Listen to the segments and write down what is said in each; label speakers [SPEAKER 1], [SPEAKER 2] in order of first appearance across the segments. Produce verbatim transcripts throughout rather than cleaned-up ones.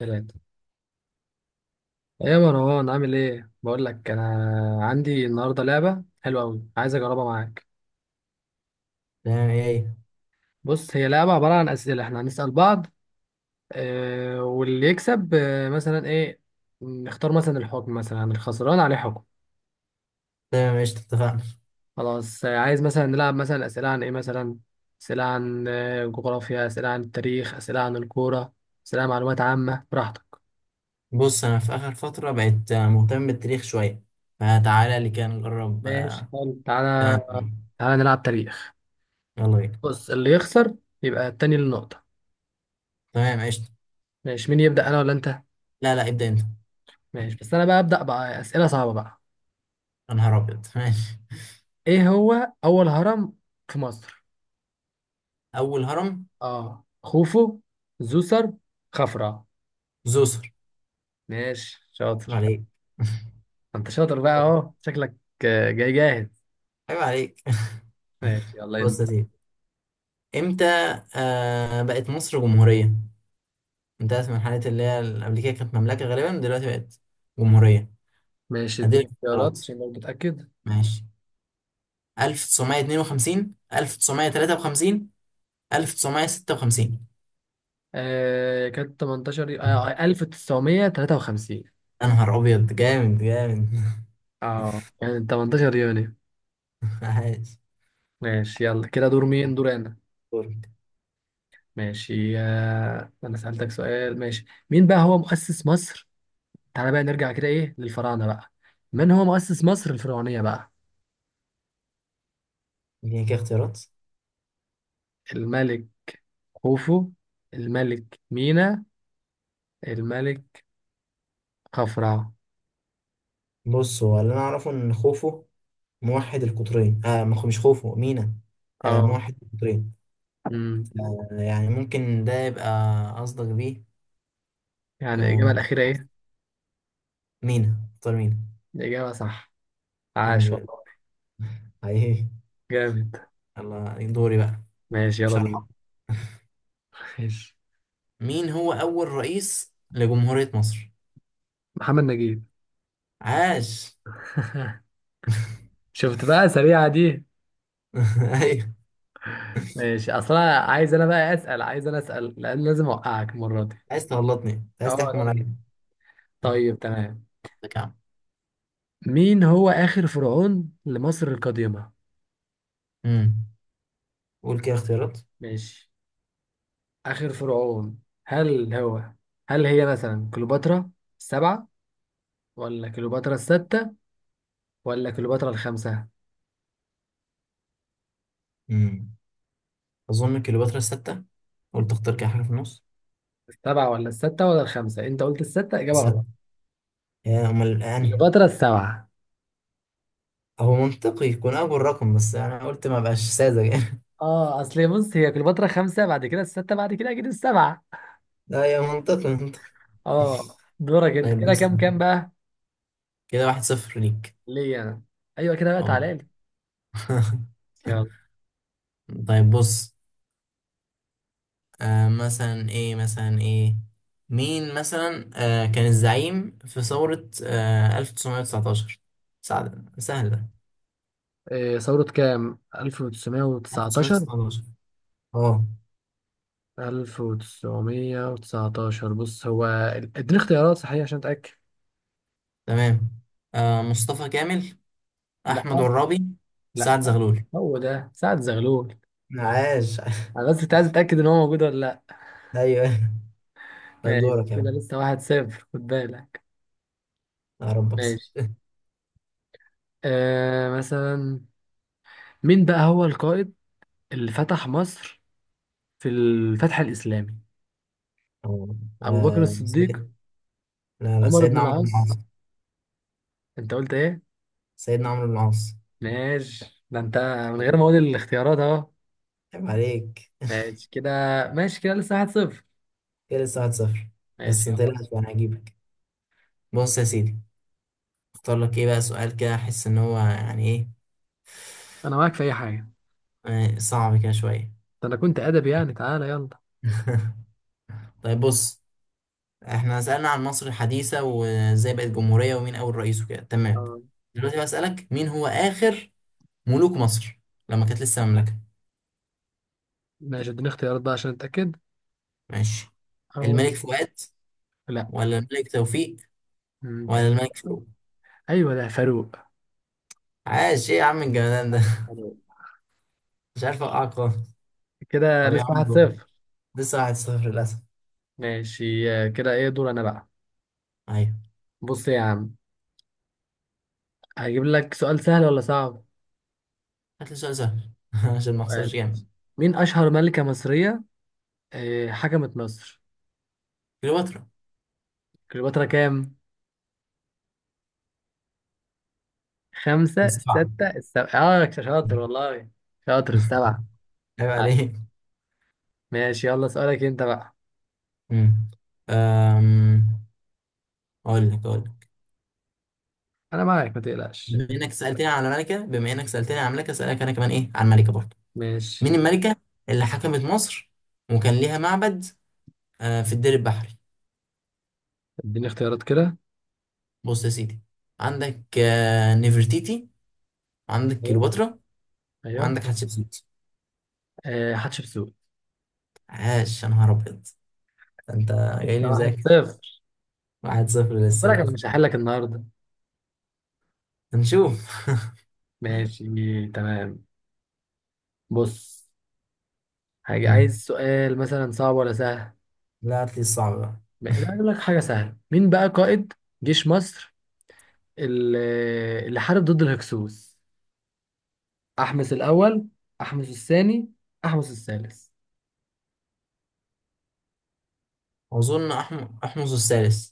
[SPEAKER 1] ثلاثة. يا مروان، عامل ايه؟ بقول لك انا عندي النهارده لعبة حلوة أوي، عايز اجربها معاك.
[SPEAKER 2] تمام ايه.
[SPEAKER 1] بص، هي لعبة عبارة عن أسئلة احنا هنسأل بعض. اه، واللي يكسب اه، مثلا ايه. نختار مثلا الحكم، مثلا الخسران عليه حكم.
[SPEAKER 2] تمام، ايش اتفقنا؟
[SPEAKER 1] خلاص. آه، عايز مثلا نلعب مثلا أسئلة عن ايه مثلا؟ أسئلة عن آه، جغرافيا، أسئلة عن التاريخ، أسئلة عن الكورة، أسئلة عن معلومات عامة، براحتك.
[SPEAKER 2] بص، انا في اخر فترة بقيت آه، مهتم بالتاريخ شوية، فتعالى اللي كان نقرب
[SPEAKER 1] ماشي،
[SPEAKER 2] آه،
[SPEAKER 1] حلو،
[SPEAKER 2] كلام
[SPEAKER 1] تعالى.
[SPEAKER 2] تاني.
[SPEAKER 1] تعالى نلعب تاريخ.
[SPEAKER 2] يلا بينا.
[SPEAKER 1] بص، اللي يخسر يبقى التاني للنقطة.
[SPEAKER 2] تمام ايش.
[SPEAKER 1] ماشي، مين يبدأ، أنا ولا أنت؟
[SPEAKER 2] لا لا، ابدأ انت.
[SPEAKER 1] ماشي، بس أنا بقى أبدأ بقى أسئلة صعبة بقى.
[SPEAKER 2] يا نهار ابيض، ماشي.
[SPEAKER 1] إيه هو أول هرم في مصر؟
[SPEAKER 2] اول هرم؟
[SPEAKER 1] آه، خوفو، زوسر، خفرع؟
[SPEAKER 2] زوسر.
[SPEAKER 1] ماشي
[SPEAKER 2] عيب
[SPEAKER 1] شاطر.
[SPEAKER 2] عليك.
[SPEAKER 1] أنت شاطر بقى أهو، شكلك آه، جاي جاهز.
[SPEAKER 2] عيب عليك.
[SPEAKER 1] ماشي يلا
[SPEAKER 2] بص
[SPEAKER 1] أنت.
[SPEAKER 2] يا سيدي، امتى آه بقت مصر جمهورية؟ انتهت من حالة اللي هي ال- قبل كده كانت مملكة، غالبا دلوقتي بقت جمهورية.
[SPEAKER 1] ماشي، اديني
[SPEAKER 2] هديلك
[SPEAKER 1] اختيارات
[SPEAKER 2] اختيارات.
[SPEAKER 1] عشان برضه أتأكد.
[SPEAKER 2] ماشي، ألف وتسعمية واتنين وخمسين، ألف وتسعمية وتلاته وخمسين، ألف وتسعمية وستة وخمسين.
[SPEAKER 1] آه كانت ثمنتاشر يو- آه ألف وتسعمية وتلاتة وخمسين.
[SPEAKER 2] يا نهار أبيض، جامد جامد.
[SPEAKER 1] آه يعني ثمنتاشر يونيو.
[SPEAKER 2] عاش.
[SPEAKER 1] ماشي يلا، كده دور مين؟ دور أنا.
[SPEAKER 2] دورك.
[SPEAKER 1] ماشي، آه أنا سألتك سؤال. ماشي، مين بقى هو مؤسس مصر؟ تعالى بقى نرجع كده ايه للفراعنه بقى. من هو مؤسس مصر الفرعونيه بقى؟
[SPEAKER 2] اديني كده اختيارات.
[SPEAKER 1] الملك خوفو، الملك مينا، الملك خفرع؟
[SPEAKER 2] بص، هو اللي أنا أعرفه إن خوفو موحد القطرين. آه مخ- مش خوفو، مينا. آه
[SPEAKER 1] اه.
[SPEAKER 2] موحد القطرين.
[SPEAKER 1] امم.
[SPEAKER 2] آه يعني ممكن ده يبقى قصدك بيه.
[SPEAKER 1] يعني
[SPEAKER 2] آه
[SPEAKER 1] الاجابه
[SPEAKER 2] م-
[SPEAKER 1] الاخيره ايه؟
[SPEAKER 2] مينا. قطر مينا.
[SPEAKER 1] الاجابه صح.
[SPEAKER 2] الحمد
[SPEAKER 1] عاش
[SPEAKER 2] لله،
[SPEAKER 1] والله.
[SPEAKER 2] حقيقي.
[SPEAKER 1] جامد.
[SPEAKER 2] يلا دوري بقى،
[SPEAKER 1] ماشي
[SPEAKER 2] مش
[SPEAKER 1] يلا دول.
[SPEAKER 2] هرحم.
[SPEAKER 1] ماشي،
[SPEAKER 2] مين هو أول رئيس لجمهورية مصر؟
[SPEAKER 1] محمد نجيب.
[SPEAKER 2] عاش.
[SPEAKER 1] شفت بقى سريعه دي.
[SPEAKER 2] ايوه.
[SPEAKER 1] ماشي، اصلا عايز انا بقى اسال، عايز انا اسال، لان لازم اوقعك المره دي.
[SPEAKER 2] عايز تغلطني، عايز
[SPEAKER 1] اه
[SPEAKER 2] تحكم
[SPEAKER 1] لازم.
[SPEAKER 2] عليا؟
[SPEAKER 1] طيب تمام.
[SPEAKER 2] لك يا عم.
[SPEAKER 1] مين هو اخر فرعون لمصر القديمه؟
[SPEAKER 2] امم قول كده اختيارات.
[SPEAKER 1] ماشي، آخر فرعون، هل هو هل هي مثلا كليوباترا السبعة، ولا كليوباترا الستة، ولا كليوباترا الخمسة؟
[SPEAKER 2] امم اظن كليوباترا الستة. قلت اختار كده حاجه في النص.
[SPEAKER 1] السبعة ولا الستة ولا الخمسة؟ أنت قلت الستة، إجابة
[SPEAKER 2] ستة،
[SPEAKER 1] غلط.
[SPEAKER 2] يا امال يعني.
[SPEAKER 1] كليوباترا السبعة.
[SPEAKER 2] هو منطقي يكون اول رقم، بس انا قلت ما بقاش ساذج يعني.
[SPEAKER 1] اه، اصل بص هي كليوباترا خمسة، بعد كده الستة، بعد كده أكيد السبعة.
[SPEAKER 2] لا يا، منطقي منطقي.
[SPEAKER 1] اه دورك أنت،
[SPEAKER 2] طيب
[SPEAKER 1] كده
[SPEAKER 2] بص،
[SPEAKER 1] كام كام بقى؟
[SPEAKER 2] كده واحد صفر ليك.
[SPEAKER 1] ليا أنا. أيوه، كده بقى
[SPEAKER 2] اه.
[SPEAKER 1] تعالى لي. يلا.
[SPEAKER 2] طيب بص، آه مثلا ايه مثلا ايه مين مثلا آه كان الزعيم في ثورة آه ألف وتسعمية وتسعتاشر؟ سعد سهل ده.
[SPEAKER 1] إيه ثورة كام، ألف وتسعمية وتسعتاشر؟
[SPEAKER 2] ألف وتسعمية وتسعتاشر، اه.
[SPEAKER 1] ألف وتسعمية وتسعتاشر بص هو، اديني اختيارات صحيح عشان أتأكد.
[SPEAKER 2] تمام، آه مصطفى كامل،
[SPEAKER 1] لا،
[SPEAKER 2] أحمد عرابي،
[SPEAKER 1] لا،
[SPEAKER 2] سعد زغلول.
[SPEAKER 1] هو ده سعد زغلول.
[SPEAKER 2] عاش.
[SPEAKER 1] انا بس كنت عايز اتاكد ان هو موجود ولا لا.
[SPEAKER 2] ايوه، طيب
[SPEAKER 1] ماشي،
[SPEAKER 2] دورك يا
[SPEAKER 1] كده
[SPEAKER 2] عم.
[SPEAKER 1] لسه واحد صفر، خد بالك.
[SPEAKER 2] يا رب اكسب.
[SPEAKER 1] ماشي، آه مثلا، مين بقى هو القائد اللي فتح مصر في الفتح الاسلامي؟
[SPEAKER 2] آه،
[SPEAKER 1] ابو بكر
[SPEAKER 2] آه،
[SPEAKER 1] الصديق؟
[SPEAKER 2] سيد... لا لا،
[SPEAKER 1] عمر بن
[SPEAKER 2] سيدنا عمرو بن العاص.
[SPEAKER 1] العاص؟ انت قلت ايه؟
[SPEAKER 2] سيدنا عمرو بن العاص.
[SPEAKER 1] ماشي ده انت، من غير ما
[SPEAKER 2] عيب
[SPEAKER 1] اقول الاختيارات اهو.
[SPEAKER 2] عليك.
[SPEAKER 1] ماشي كده. ماشي كده لسه واحد صفر.
[SPEAKER 2] كده لسه واحد صفر. بس
[SPEAKER 1] ماشي
[SPEAKER 2] انت، لا
[SPEAKER 1] يلا.
[SPEAKER 2] انا هجيبك. بص يا سيدي، اختار لك ايه بقى سؤال؟ كده احس ان هو يعني ايه،
[SPEAKER 1] انا معاك في اي حاجه.
[SPEAKER 2] آه، صعب كده شوية.
[SPEAKER 1] ده انا كنت ادبي يعني، تعالى يلا.
[SPEAKER 2] طيب بص، احنا سألنا عن مصر الحديثة، وازاي بقت جمهورية، ومين اول رئيس، وكده تمام.
[SPEAKER 1] آه،
[SPEAKER 2] دلوقتي بسألك، مين هو اخر ملوك مصر لما كانت لسه مملكة؟
[SPEAKER 1] ماشي، اديني اختيارات بقى عشان اتاكد.
[SPEAKER 2] ماشي. الملك
[SPEAKER 1] أول.
[SPEAKER 2] فؤاد؟
[SPEAKER 1] لا.
[SPEAKER 2] ولا الملك توفيق؟
[SPEAKER 1] مم،
[SPEAKER 2] ولا
[SPEAKER 1] تقريبا.
[SPEAKER 2] الملك فاروق؟
[SPEAKER 1] ايوه ده فاروق.
[SPEAKER 2] عاش، ايه يا عم الجمدان ده.
[SPEAKER 1] حلو.
[SPEAKER 2] مش عارف اوقعك خالص.
[SPEAKER 1] كده
[SPEAKER 2] طب يا
[SPEAKER 1] لسه
[SPEAKER 2] عم
[SPEAKER 1] واحد
[SPEAKER 2] دور.
[SPEAKER 1] صفر
[SPEAKER 2] لسه واحد صفر للاسف.
[SPEAKER 1] ماشي آه، كده ايه دور انا بقى؟
[SPEAKER 2] ايوه،
[SPEAKER 1] بص يا عم، هجيب لك سؤال سهل ولا صعب؟
[SPEAKER 2] هات لي سؤال سهل عشان ما
[SPEAKER 1] سؤال.
[SPEAKER 2] اخسرش جامد.
[SPEAKER 1] مين اشهر ملكة مصرية آه، حكمت مصر؟
[SPEAKER 2] كليوباترا
[SPEAKER 1] كليوباترا كام؟ خمسة،
[SPEAKER 2] السبعة.
[SPEAKER 1] ستة، السبعة؟ اه شاطر والله، شاطر السبعة.
[SPEAKER 2] عيب
[SPEAKER 1] عاش.
[SPEAKER 2] عليك.
[SPEAKER 1] ماشي يلا، سؤالك انت بقى.
[SPEAKER 2] مم. أم... أقول لك أقول لك
[SPEAKER 1] انا معاك ما تقلقش.
[SPEAKER 2] بما إنك سألتني عن الملكة بما إنك سألتني عن الملكة، أسألك أنا كمان إيه عن الملكة برضه.
[SPEAKER 1] ماشي،
[SPEAKER 2] مين الملكة اللي حكمت مصر وكان ليها معبد آه في الدير البحري؟
[SPEAKER 1] اديني اختيارات كده.
[SPEAKER 2] بص يا سيدي، عندك آه نفرتيتي، وعندك
[SPEAKER 1] ايوه،
[SPEAKER 2] كليوباترا،
[SPEAKER 1] ايوه،
[SPEAKER 2] وعندك حتشبسوت.
[SPEAKER 1] آه، حتشبسوت.
[SPEAKER 2] عاش، يا نهار أبيض، ده أنت جاي
[SPEAKER 1] انت
[SPEAKER 2] لي
[SPEAKER 1] واحد
[SPEAKER 2] مذاكر.
[SPEAKER 1] صفر
[SPEAKER 2] واحد صفر
[SPEAKER 1] خد
[SPEAKER 2] لسه
[SPEAKER 1] بالك انا
[SPEAKER 2] للأسف.
[SPEAKER 1] مش هحلك النهارده.
[SPEAKER 2] هنشوف.
[SPEAKER 1] ماشي تمام. بص، حاجة،
[SPEAKER 2] مم.
[SPEAKER 1] عايز سؤال مثلا صعب ولا سهل؟
[SPEAKER 2] لا، هات لي الصعب بقى.
[SPEAKER 1] م- لا اقول لك حاجة سهلة. مين بقى قائد جيش مصر اللي اللي حارب ضد الهكسوس؟ أحمس الأول، أحمس الثاني، أحمس الثالث؟
[SPEAKER 2] أظن أحمس أحمس الثالث.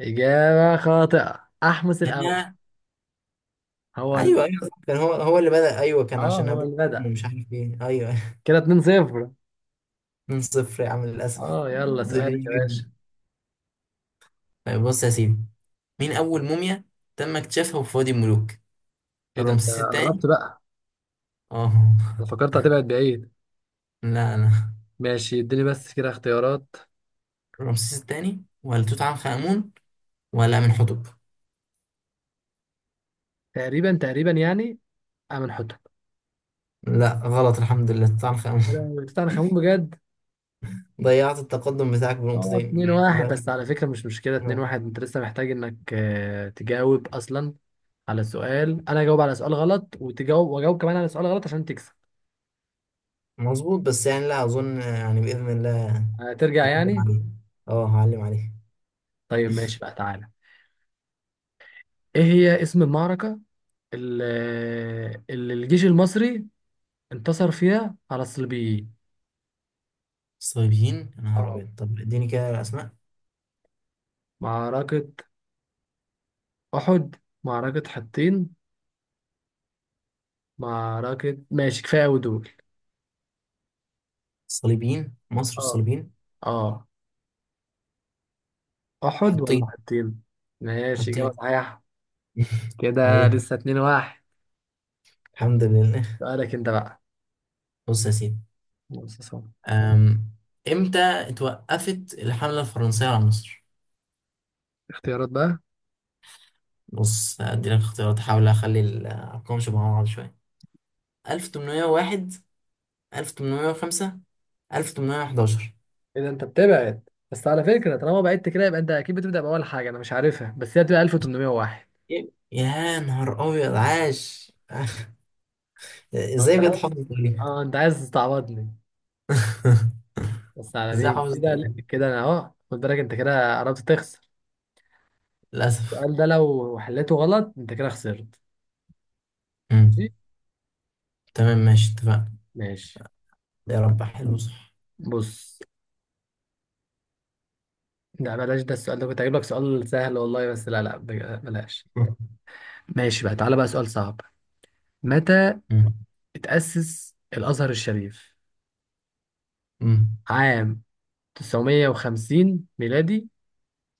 [SPEAKER 1] إجابة خاطئة، أحمس الأول.
[SPEAKER 2] ياه،
[SPEAKER 1] هو ال...
[SPEAKER 2] ايوه ايوه صح، كان هو هو اللي بدأ، ايوه كان
[SPEAKER 1] اه
[SPEAKER 2] عشان
[SPEAKER 1] هو
[SPEAKER 2] ابوه
[SPEAKER 1] اللي بدأ.
[SPEAKER 2] مش عارف ايه، ايوه.
[SPEAKER 1] كده اتنين صفر.
[SPEAKER 2] من صفر يا عم للاسف.
[SPEAKER 1] اه يلا سؤالك
[SPEAKER 2] ذلني
[SPEAKER 1] يا باشا.
[SPEAKER 2] جدا. طيب بص يا سيدي، مين اول موميا تم اكتشافها في وادي الملوك؟
[SPEAKER 1] ايه ده انت
[SPEAKER 2] رمسيس
[SPEAKER 1] قربت
[SPEAKER 2] الثاني.
[SPEAKER 1] بقى.
[SPEAKER 2] اه.
[SPEAKER 1] انا فكرت هتبعد بعيد.
[SPEAKER 2] لا لا،
[SPEAKER 1] ماشي اديني بس كده اختيارات.
[SPEAKER 2] رمسيس الثاني ولا توت عنخ امون ولا امين حتب؟
[SPEAKER 1] تقريبا، تقريبا يعني. أمن حتمي.
[SPEAKER 2] لا غلط، الحمد لله، توت عنخ امون.
[SPEAKER 1] يا لهوي، توت عنخ امون بجد.
[SPEAKER 2] ضيعت التقدم بتاعك
[SPEAKER 1] اه اه،
[SPEAKER 2] بنقطتين.
[SPEAKER 1] اتنين واحد،
[SPEAKER 2] دلوقتي
[SPEAKER 1] بس على فكره مش مشكله، اتنين واحد انت لسه محتاج انك آه، تجاوب اصلا على سؤال، انا اجاوب على سؤال غلط، وتجاوب واجاوب كمان على سؤال غلط عشان تكسب.
[SPEAKER 2] مظبوط، بس يعني لا اظن، يعني باذن الله
[SPEAKER 1] هترجع
[SPEAKER 2] هعلم
[SPEAKER 1] يعني.
[SPEAKER 2] عليه اه هعلم عليه.
[SPEAKER 1] طيب ماشي بقى، تعالى. ايه هي اسم المعركه اللي, اللي الجيش المصري انتصر فيها على الصليبيين؟
[SPEAKER 2] الصليبيين، يا نهار
[SPEAKER 1] اه،
[SPEAKER 2] أبيض، طب اديني كده أسماء.
[SPEAKER 1] معركه احد، معركه حطين، معركه، ماشي كفايه قوي دول.
[SPEAKER 2] الصليبيين، مصر
[SPEAKER 1] اه،
[SPEAKER 2] والصليبيين.
[SPEAKER 1] اه، احد ولا
[SPEAKER 2] حطين.
[SPEAKER 1] حطين؟ ماشي، اجابه
[SPEAKER 2] حطين.
[SPEAKER 1] صحيحه. كده
[SPEAKER 2] عليه
[SPEAKER 1] لسه اتنين واحد.
[SPEAKER 2] الحمد لله.
[SPEAKER 1] سؤالك انت بقى.
[SPEAKER 2] بص يا سيدي،
[SPEAKER 1] بص يا صاحبي.
[SPEAKER 2] أم، إمتى اتوقفت الحملة الفرنسية على مصر؟
[SPEAKER 1] اختيارات بقى.
[SPEAKER 2] بص، أدي لك اختيارات، أحاول أخلي الأرقام شبه بعض شوية. ألف وتمنمية وواحد، ألف وتمنمية وخمسة، ألف وتمنمية وحداشر.
[SPEAKER 1] اذا انت بتبعد، بس على فكرة طالما بعدت كده، يبقى انت اكيد بتبدأ بأول حاجة انا مش عارفها، بس هي بتبقى ألف وتمنمية وواحد.
[SPEAKER 2] يا يا نهار أبيض، عاش.
[SPEAKER 1] اه انت
[SPEAKER 2] إزاي بجد
[SPEAKER 1] عايز
[SPEAKER 2] حافظ التاريخ؟
[SPEAKER 1] اه انت عايز تستعبطني. بس على
[SPEAKER 2] إزاي
[SPEAKER 1] مين
[SPEAKER 2] حافظ
[SPEAKER 1] كده؟
[SPEAKER 2] التاريخ؟
[SPEAKER 1] لا، كده انا اهو، خد بالك انت كده قربت تخسر.
[SPEAKER 2] للأسف.
[SPEAKER 1] السؤال ده لو حليته غلط انت كده خسرت. ماشي.
[SPEAKER 2] مم. تمام، ماشي، اتفقنا.
[SPEAKER 1] ماشي.
[SPEAKER 2] يا رب حلو، صح.
[SPEAKER 1] بص، لا بلاش، ده السؤال ده، كنت هجيب لك سؤال سهل والله، بس لا، لا، بج- بلاش. ماشي بقى، تعالى بقى سؤال صعب. متى
[SPEAKER 2] مم.
[SPEAKER 1] اتأسس الأزهر الشريف؟
[SPEAKER 2] مم.
[SPEAKER 1] عام تسعمية وخمسين ميلادي،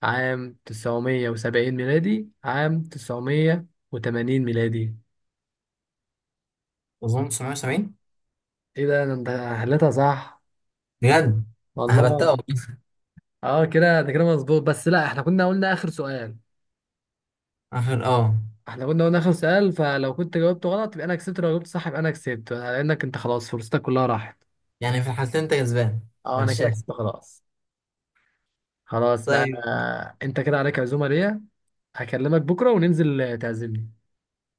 [SPEAKER 1] عام تسعمية وسبعين ميلادي، عام تسعمية وتمانين ميلادي؟
[SPEAKER 2] اظن تسعمية وسبعين.
[SPEAKER 1] ايه ده انا، انت حليتها صح.
[SPEAKER 2] بجد. هبتها
[SPEAKER 1] والله.
[SPEAKER 2] والله.
[SPEAKER 1] اه كده ده كده مظبوط، بس لا، احنا كنا قلنا اخر سؤال.
[SPEAKER 2] اخر، اه.
[SPEAKER 1] احنا كنا قلنا اخر سؤال فلو كنت جاوبته غلط يبقى انا كسبت، لو جاوبت صح يبقى انا كسبت، لانك انت خلاص فرصتك كلها راحت.
[SPEAKER 2] يعني في الحالتين انت كسبان؟
[SPEAKER 1] اه انا كده
[SPEAKER 2] غشاش.
[SPEAKER 1] كسبت خلاص. خلاص بقى.
[SPEAKER 2] طيب.
[SPEAKER 1] انت كده عليك عزومة ليا، هكلمك بكرة وننزل تعزمني.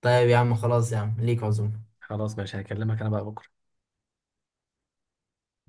[SPEAKER 2] طيب يا عم، خلاص، يا عم ليك عزومه.
[SPEAKER 1] خلاص ماشي، هكلمك انا بقى بكرة.